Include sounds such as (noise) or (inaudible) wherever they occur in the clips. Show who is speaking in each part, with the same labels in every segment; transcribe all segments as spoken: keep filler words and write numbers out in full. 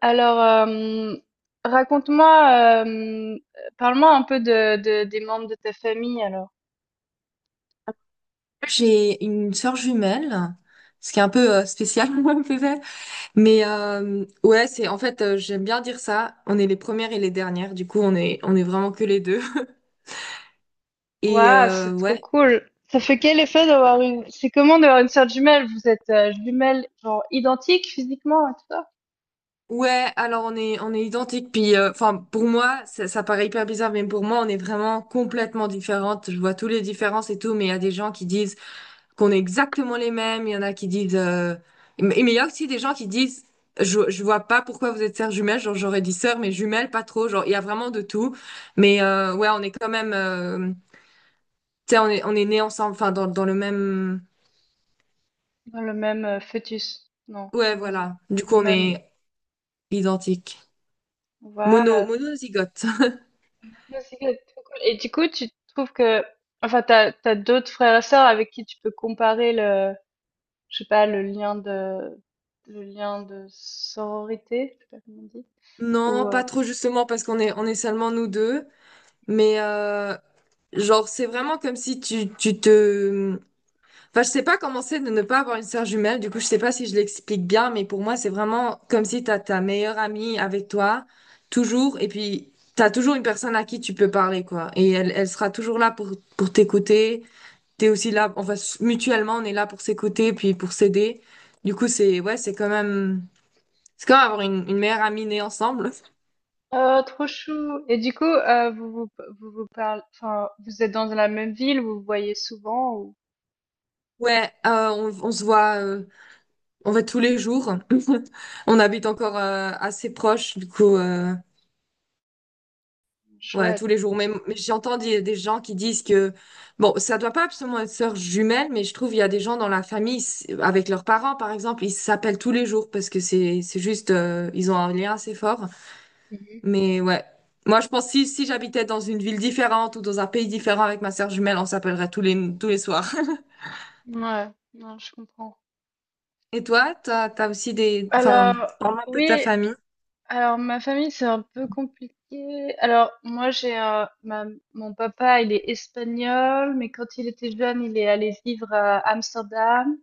Speaker 1: Alors, euh, raconte-moi, euh, parle-moi un peu de, de- des membres de ta famille alors.
Speaker 2: J'ai une sœur jumelle, ce qui est un peu euh, spécial (laughs) peut-être. Mais euh, ouais, c'est en fait euh, j'aime bien dire ça. On est les premières et les dernières. Du coup, on est on est vraiment que les deux. (laughs) Et
Speaker 1: Waouh,
Speaker 2: euh,
Speaker 1: c'est trop
Speaker 2: ouais,
Speaker 1: cool. Ça fait quel effet d'avoir une... C'est comment d'avoir une sœur jumelle? Vous êtes euh, jumelles genre identiques physiquement et tout ça?
Speaker 2: ouais. Alors on est on est identiques. Puis euh, enfin pour moi, ça, ça paraît hyper bizarre, mais pour moi, on est vraiment complètement différentes. Je vois toutes les différences et tout. Mais il y a des gens qui disent qu'on est exactement les mêmes. Il y en a qui disent. euh, Mais mais il y a aussi des gens qui disent je, je vois pas pourquoi vous êtes sœurs jumelles. Genre, j'aurais dit sœurs, mais jumelles, pas trop. Genre, il y a vraiment de tout. Mais euh, ouais, on est quand même. euh, Tu sais, on est, on est nés ensemble, enfin, dans, dans le même.
Speaker 1: Dans le même euh, fœtus. Non,
Speaker 2: Ouais,
Speaker 1: comment on dit?
Speaker 2: voilà. Du coup,
Speaker 1: Le
Speaker 2: on
Speaker 1: même.
Speaker 2: est identiques. Mono,
Speaker 1: Waouh,
Speaker 2: monozygote. (laughs)
Speaker 1: c'est trop cool. Et du coup, tu trouves que... Enfin, t'as, t'as d'autres frères et sœurs avec qui tu peux comparer, je sais pas, le lien de, le lien de sororité, je sais pas comment on dit, ou,
Speaker 2: Non,
Speaker 1: euh,
Speaker 2: pas trop justement parce qu'on est, on est seulement nous deux. Mais euh, genre, c'est vraiment comme si tu, tu te, enfin, je sais pas comment c'est de ne pas avoir une sœur jumelle. Du coup, je sais pas si je l'explique bien, mais pour moi, c'est vraiment comme si t'as ta meilleure amie avec toi, toujours, et puis t'as toujours une personne à qui tu peux parler, quoi. Et elle, elle sera toujours là pour, pour t'écouter. T'es aussi là, enfin, s- mutuellement, on est là pour s'écouter, puis pour s'aider. Du coup, c'est, ouais, c'est quand même, c'est quand même avoir une, une meilleure amie née ensemble.
Speaker 1: oh, trop chou. Et du coup, euh, vous vous, vous vous parlez, enfin, vous êtes dans la même ville, vous vous voyez souvent, ou,
Speaker 2: Ouais, euh, on, on se voit, euh, on va tous les jours. (laughs) On habite encore euh, assez proche, du coup. euh, Ouais, tous
Speaker 1: chouette.
Speaker 2: les jours. Mais mais j'entends des, des gens qui disent que, bon, ça doit pas absolument être sœur jumelle, mais je trouve il y a des gens dans la famille, c'est- avec leurs parents, par exemple, ils s'appellent tous les jours parce que c'est, c'est juste, euh, ils ont un lien assez fort.
Speaker 1: Mhm.
Speaker 2: Mais ouais. Moi, je pense si, si j'habitais dans une ville différente ou dans un pays différent avec ma sœur jumelle, on s'appellerait tous les, tous les soirs. (laughs)
Speaker 1: Ouais, non, je comprends.
Speaker 2: Et toi, t'as, t'as aussi des, enfin,
Speaker 1: Alors,
Speaker 2: parle un peu de ta
Speaker 1: oui,
Speaker 2: famille.
Speaker 1: alors ma famille, c'est un peu compliqué. Alors, moi, j'ai un, ma, mon papa, il est espagnol, mais quand il était jeune, il est allé vivre à Amsterdam.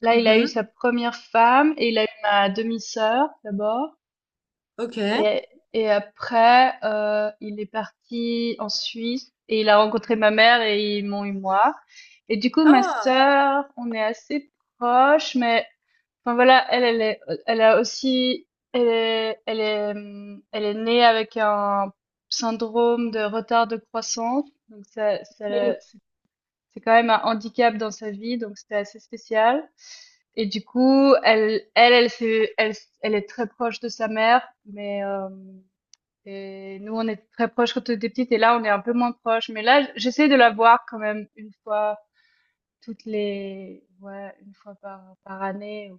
Speaker 1: Là, il a eu
Speaker 2: Mhm.
Speaker 1: sa première femme et il a eu ma demi-sœur d'abord.
Speaker 2: Ok.
Speaker 1: Et, et après, euh, il est parti en Suisse et il a rencontré ma mère et ils m'ont eu moi. Et du coup, ma
Speaker 2: Ah.
Speaker 1: sœur, on est assez proches, mais enfin voilà, elle, elle est, elle a aussi, elle est, elle est, hum, elle est née avec un syndrome de retard de croissance. Donc ça, ça-
Speaker 2: Mais-
Speaker 1: c'est quand même un handicap dans sa vie, donc c'était assez spécial. Et du coup, elle, elle, elle, s'est- elle, elle est très proche de sa mère, mais euh, et nous, on est très proches quand on était petites, et là, on est un peu moins proches. Mais là, j'essaie de la voir quand même une fois toutes les, ouais, une fois par, par année.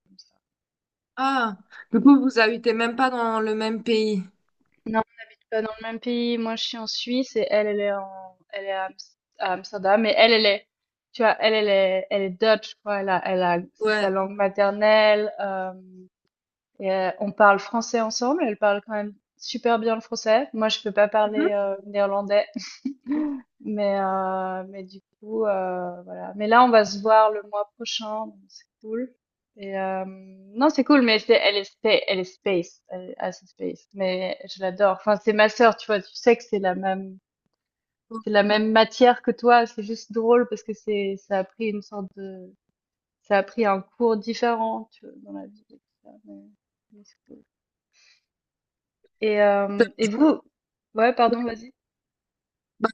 Speaker 2: Ah. Du coup, vous habitez même pas dans le même pays.
Speaker 1: Non, on n'habite pas dans le même pays. Moi, je suis en Suisse et elle, elle est en, elle est à, Ams- à Amsterdam. Mais elle, elle est, tu vois, elle, elle est, elle est Dutch, je crois. Elle a, elle a, c'est sa
Speaker 2: Ouais.
Speaker 1: langue maternelle. euh, et euh, on parle français ensemble. Elle parle quand même super bien le français. Moi, je peux pas parler euh, néerlandais,
Speaker 2: Mhm.
Speaker 1: mais, euh, mais du coup, euh, voilà. Mais là, on va se voir le mois prochain, donc c'est cool. Et euh, non, c'est cool, mais c'est- elle est, spa- elle est space, elle est assez space. Mais je l'adore. Enfin, c'est ma sœur, tu vois. Tu sais que c'est la même,
Speaker 2: Moi,
Speaker 1: c'est la même matière que toi. C'est juste drôle parce que c'est, ça a pris une sorte de, ça a pris un cours différent, tu vois, dans la vie. Et tout ça, Mais, mais c'est cool. Et, euh, et vous, ouais, pardon, vas-y.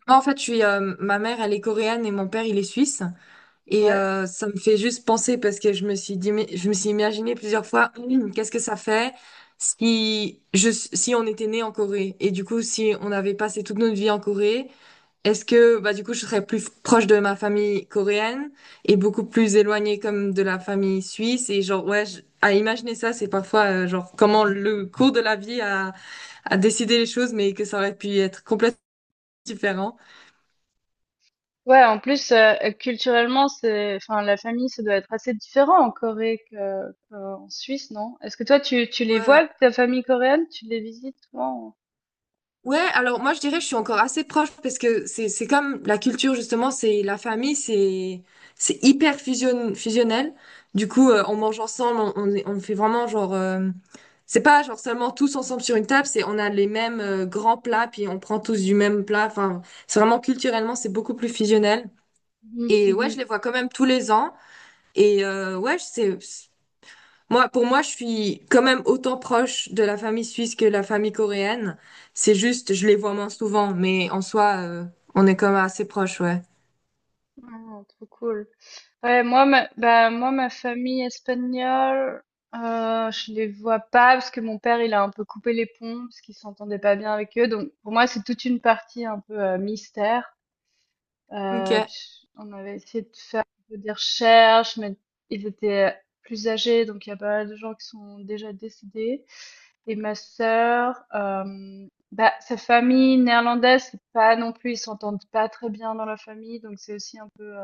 Speaker 2: en fait, je suis, euh, ma mère, elle est coréenne et mon père, il est suisse. Et
Speaker 1: Ouais.
Speaker 2: euh, ça me fait juste penser parce que je me suis dit, mais- je me suis imaginé plusieurs fois, hum, qu'est-ce que ça fait si je, si on était né en Corée et du coup, si on avait passé toute notre vie en Corée, est-ce que, bah, du coup, je serais plus proche de ma famille coréenne et beaucoup plus éloignée comme de la famille suisse et genre, ouais, je- à imaginer ça, c'est parfois euh, genre comment le cours de la vie a, a décidé les choses, mais que ça aurait pu être complètement différent.
Speaker 1: Ouais, en plus, euh, euh, culturellement, c'est, enfin, la famille, ça doit être assez différent en Corée que, qu'en Suisse, non? Est-ce que toi, tu, tu les
Speaker 2: Ouais.
Speaker 1: vois, ta famille coréenne? Tu les visites souvent?
Speaker 2: Ouais, ouais. Alors moi je dirais que je suis encore assez proche parce que c'est c'est comme la culture justement, c'est la famille, c'est c'est hyper fusion, fusionnel. Du coup, euh,
Speaker 1: Mhm,
Speaker 2: on mange ensemble, on, on, est- on fait vraiment genre euh, c'est pas genre seulement tous ensemble sur une table, c'est on a les mêmes euh, grands plats puis on prend tous du même plat. Enfin, c'est vraiment culturellement, c'est beaucoup plus fusionnel.
Speaker 1: mhm,
Speaker 2: Et ouais, je
Speaker 1: mhm.
Speaker 2: les vois quand même tous les ans et euh, ouais, c'est moi, pour moi, je suis quand même autant proche de la famille suisse que la famille coréenne. C'est juste, je les vois moins souvent, mais en soi, euh, on est quand même assez proches, ouais.
Speaker 1: Ah, trop cool. Ouais, moi, ma, bah, moi, ma famille espagnole, euh, je les vois pas parce que mon père, il a un peu coupé les ponts parce qu'il s'entendait pas bien avec eux. Donc, pour moi, c'est toute une partie un peu euh, mystère.
Speaker 2: Ok.
Speaker 1: Heu, on avait essayé de faire un peu des recherches, mais ils étaient plus âgés, donc il y a pas mal de gens qui sont déjà décédés et ma sœur, hem, bah, sa famille néerlandaise, c'est pas non plus, ils s'entendent pas très bien dans la famille, donc c'est aussi un peu, heu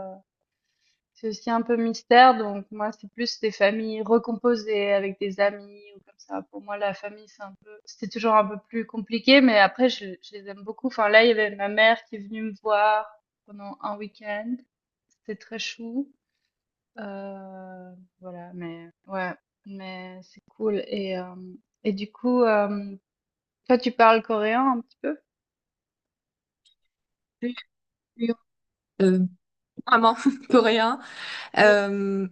Speaker 1: c'est aussi un peu mystère, donc moi, c'est plus des familles recomposées avec des amis ou comme ça. Pour moi, la famille, c'est un peu, c'était toujours un peu plus compliqué, mais après, je, je les aime beaucoup. Enfin, là, il y avait ma mère qui est venue me voir pendant un week-end. C'était très chou. Euh, voilà, mais ouais, mais c'est cool. Et, euh, et du coup, euh, toi, tu parles coréen un petit peu?
Speaker 2: Puis- Euh, vraiment (laughs) coréen.
Speaker 1: Oui.
Speaker 2: Euh,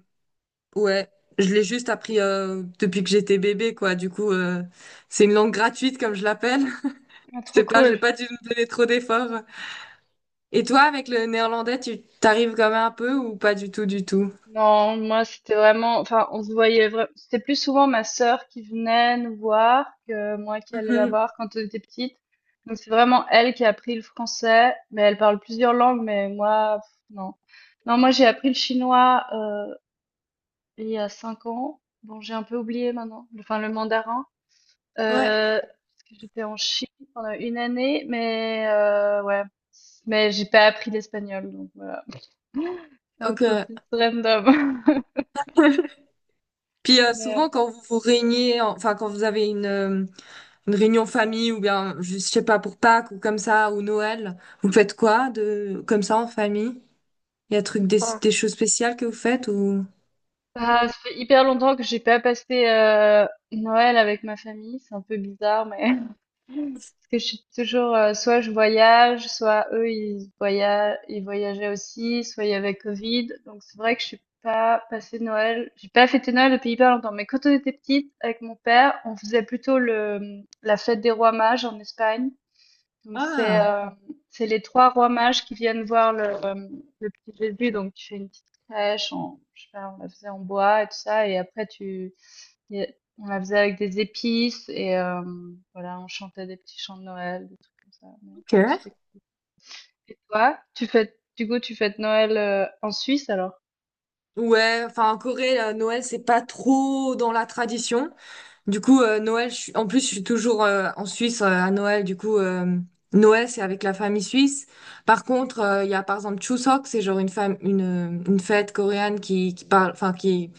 Speaker 2: ouais, je l'ai juste appris euh, depuis que j'étais bébé, quoi. Du coup, euh, c'est une langue gratuite, comme je l'appelle. (laughs)
Speaker 1: Ah,
Speaker 2: Je
Speaker 1: trop
Speaker 2: sais pas, j'ai
Speaker 1: cool.
Speaker 2: pas dû me donner trop d'efforts. Et toi, avec le néerlandais, tu t'arrives quand même un peu ou pas du tout, du tout?
Speaker 1: Non, moi c'était vraiment, enfin on se voyait vra- c'était plus souvent ma sœur qui venait nous voir que moi qui allais la
Speaker 2: Mhm.
Speaker 1: voir quand on était petite. Donc c'est vraiment elle qui a appris le français, mais elle parle plusieurs langues, mais moi pff, non. Non, moi j'ai appris le chinois euh, il y a cinq ans. Bon, j'ai un peu oublié maintenant, enfin le mandarin,
Speaker 2: Ouais,
Speaker 1: euh, parce que j'étais en Chine pendant une année, mais euh, ouais, mais j'ai pas appris l'espagnol, donc voilà, (laughs) c'est un
Speaker 2: ok.
Speaker 1: peu plus random. (laughs)
Speaker 2: Puis euh,
Speaker 1: Mais,
Speaker 2: souvent quand vous vous réuniez, enfin quand vous avez une, euh, une réunion famille ou bien je je sais pas pour Pâques ou comme ça ou Noël, vous faites quoi de comme ça en famille? Il y a truc des,
Speaker 1: euh,
Speaker 2: des choses spéciales que vous faites ou
Speaker 1: bah, ça fait hyper longtemps que j'ai pas passé euh, Noël avec ma famille, c'est un peu bizarre, mais (laughs) parce que je suis toujours, euh, soit je voyage, soit eux ils voyagent, ils voyageaient aussi, soit il y avait Covid, donc c'est vrai que je suis pas passé Noël, j'ai pas fêté Noël depuis hyper longtemps. Mais quand on était petite avec mon père, on faisait plutôt le la fête des rois mages en Espagne. Donc c'est
Speaker 2: ah,
Speaker 1: euh, c'est les trois rois mages qui viennent voir le, euh, le petit Jésus. Donc tu fais une petite crèche, en, je sais pas, on la faisait en bois et tout ça, et après tu et on la faisait avec des épices et euh, voilà, on chantait des petits chants de Noël, des trucs comme ça. Mais
Speaker 2: ok.
Speaker 1: c'était cool. Et toi, tu fais du coup tu fêtes Noël euh, en Suisse alors?
Speaker 2: Ouais, enfin en Corée, euh, Noël c'est pas trop dans la tradition. Du coup, euh, Noël, je suis- en plus, je suis toujours euh, en Suisse euh, à Noël. Du coup, euh, Noël, c'est avec la famille suisse. Par contre, euh, il y a par exemple Chuseok, c'est genre une, fam- une, euh, une fête coréenne qui, qui parle, enfin, qui,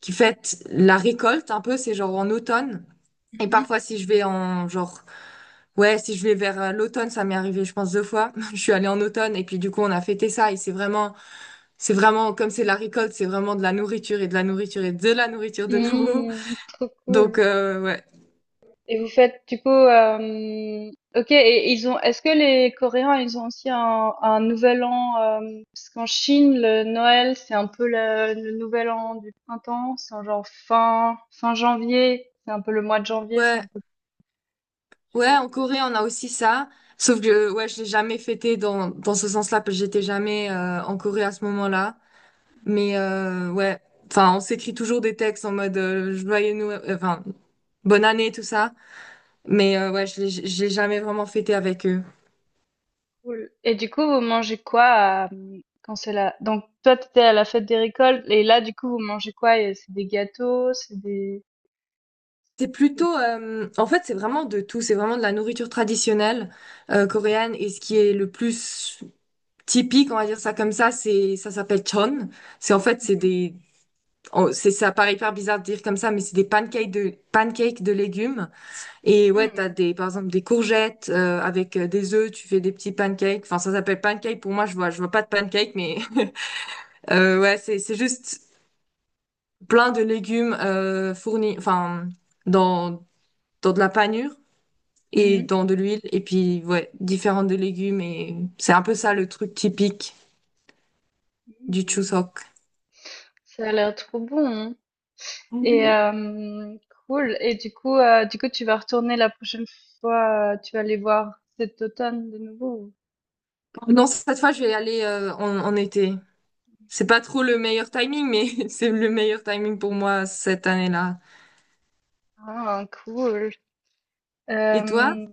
Speaker 2: qui fête la récolte un peu, c'est genre en automne. Et
Speaker 1: Mhm.
Speaker 2: parfois, si je vais en genre, ouais, si je vais vers euh, l'automne, ça m'est arrivé, je pense, deux fois. (laughs) Je suis allée en automne et puis du coup, on a fêté ça et c'est vraiment, c'est vraiment, comme c'est la récolte, c'est vraiment de la nourriture et de la nourriture et de la nourriture de nouveau.
Speaker 1: Mmh, trop
Speaker 2: (laughs) Donc,
Speaker 1: cool.
Speaker 2: euh, ouais.
Speaker 1: Et vous faites du coup, hem, OK et ils ont est-ce que les Coréens, ils ont aussi un un nouvel an, hem, parce qu'en Chine, le Noël, c'est un peu le le nouvel an du printemps, c'est en genre fin fin janvier, c'est un peu le mois de janvier, c'est
Speaker 2: Ouais,
Speaker 1: un peu plus,
Speaker 2: ouais, en
Speaker 1: heu,
Speaker 2: Corée, on a aussi ça. Sauf que, euh, ouais, je l'ai jamais fêté dans, dans ce sens-là, parce que j'étais jamais euh, en Corée à ce moment-là. Mais euh, ouais, enfin, on s'écrit toujours des textes en mode euh, joyeux Noël, euh, enfin, bonne année, tout ça. Mais euh, ouais, je l'ai je l'ai jamais vraiment fêté avec eux.
Speaker 1: cool. Et du coup, vous mangez quoi à, mmh, quand c'est là? Donc toi, t'étais à la fête des récoltes et là, du coup, vous mangez quoi? Et c'est des gâteaux, c'est des,
Speaker 2: C'est
Speaker 1: c'est,
Speaker 2: plutôt, euh, en fait, c'est vraiment de tout. C'est vraiment de la nourriture traditionnelle euh, coréenne. Et ce qui est le plus typique, on va dire ça comme ça, c'est ça s'appelle chon. C'est en fait, c'est
Speaker 1: mmh,
Speaker 2: des oh, c'est, ça paraît hyper bizarre de dire comme ça, mais c'est des pancakes de, pancakes de légumes. Et ouais, t'as
Speaker 1: mh,
Speaker 2: des, par exemple, des courgettes, euh, avec euh, des œufs, tu fais des petits pancakes. Enfin, ça s'appelle pancake. Pour moi, je vois, je vois pas de pancake, mais, (laughs) euh, ouais, c'est, c'est juste plein de légumes, euh, fournis, enfin, dans, dans de la panure
Speaker 1: mmh.
Speaker 2: et
Speaker 1: Mmh.
Speaker 2: dans de l'huile. Et puis, ouais, différents de légumes. Et c'est un peu ça le truc typique du
Speaker 1: Mmh.
Speaker 2: Chuseok.
Speaker 1: Ça a l'air trop bon. Et
Speaker 2: (laughs)
Speaker 1: hem, cool. Et du coup, heu, du coup, tu vas retourner la prochaine fois, heu, tu vas aller voir cet automne de nouveau ou?
Speaker 2: Non, cette fois, je vais y aller, euh, en en été. C'est pas trop le meilleur timing, mais (laughs) c'est le meilleur timing pour moi cette année-là.
Speaker 1: Ah cool.
Speaker 2: Et toi?
Speaker 1: Hem,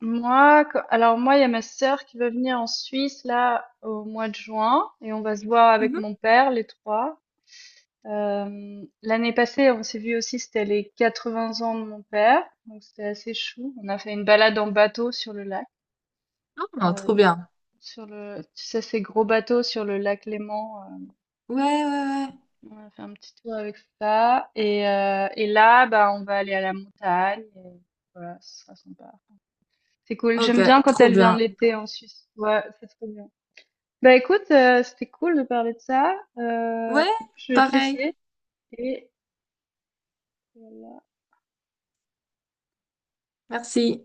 Speaker 1: moi quand alors moi, il y a ma sœur qui va venir en Suisse là au mois de juin et on va se voir avec
Speaker 2: Mhm.
Speaker 1: mon père les trois. Hem, l'année passée, on s'est vu aussi, c'était les quatre-vingts ans de mon père, donc c'était assez chou. On a fait une balade en bateau sur le lac,
Speaker 2: Ah, trop
Speaker 1: heu,
Speaker 2: bien.
Speaker 1: sur le, tu sais, ces gros bateaux sur le lac Léman, euh,
Speaker 2: Ouais, ouais,
Speaker 1: on a fait un petit tour avec ça. Et, euh, et là, bah, on va aller à la montagne. Et voilà, ce sera sympa. C'est cool.
Speaker 2: ouais. Ok,
Speaker 1: J'aime bien quand
Speaker 2: trop
Speaker 1: elle vient
Speaker 2: bien.
Speaker 1: l'été en Suisse. Ouais, c'est trop bien. Bah écoute, euh, c'était cool de parler de ça. Euh,
Speaker 2: Ouais,
Speaker 1: je vais te
Speaker 2: pareil.
Speaker 1: laisser. Et voilà.
Speaker 2: Merci.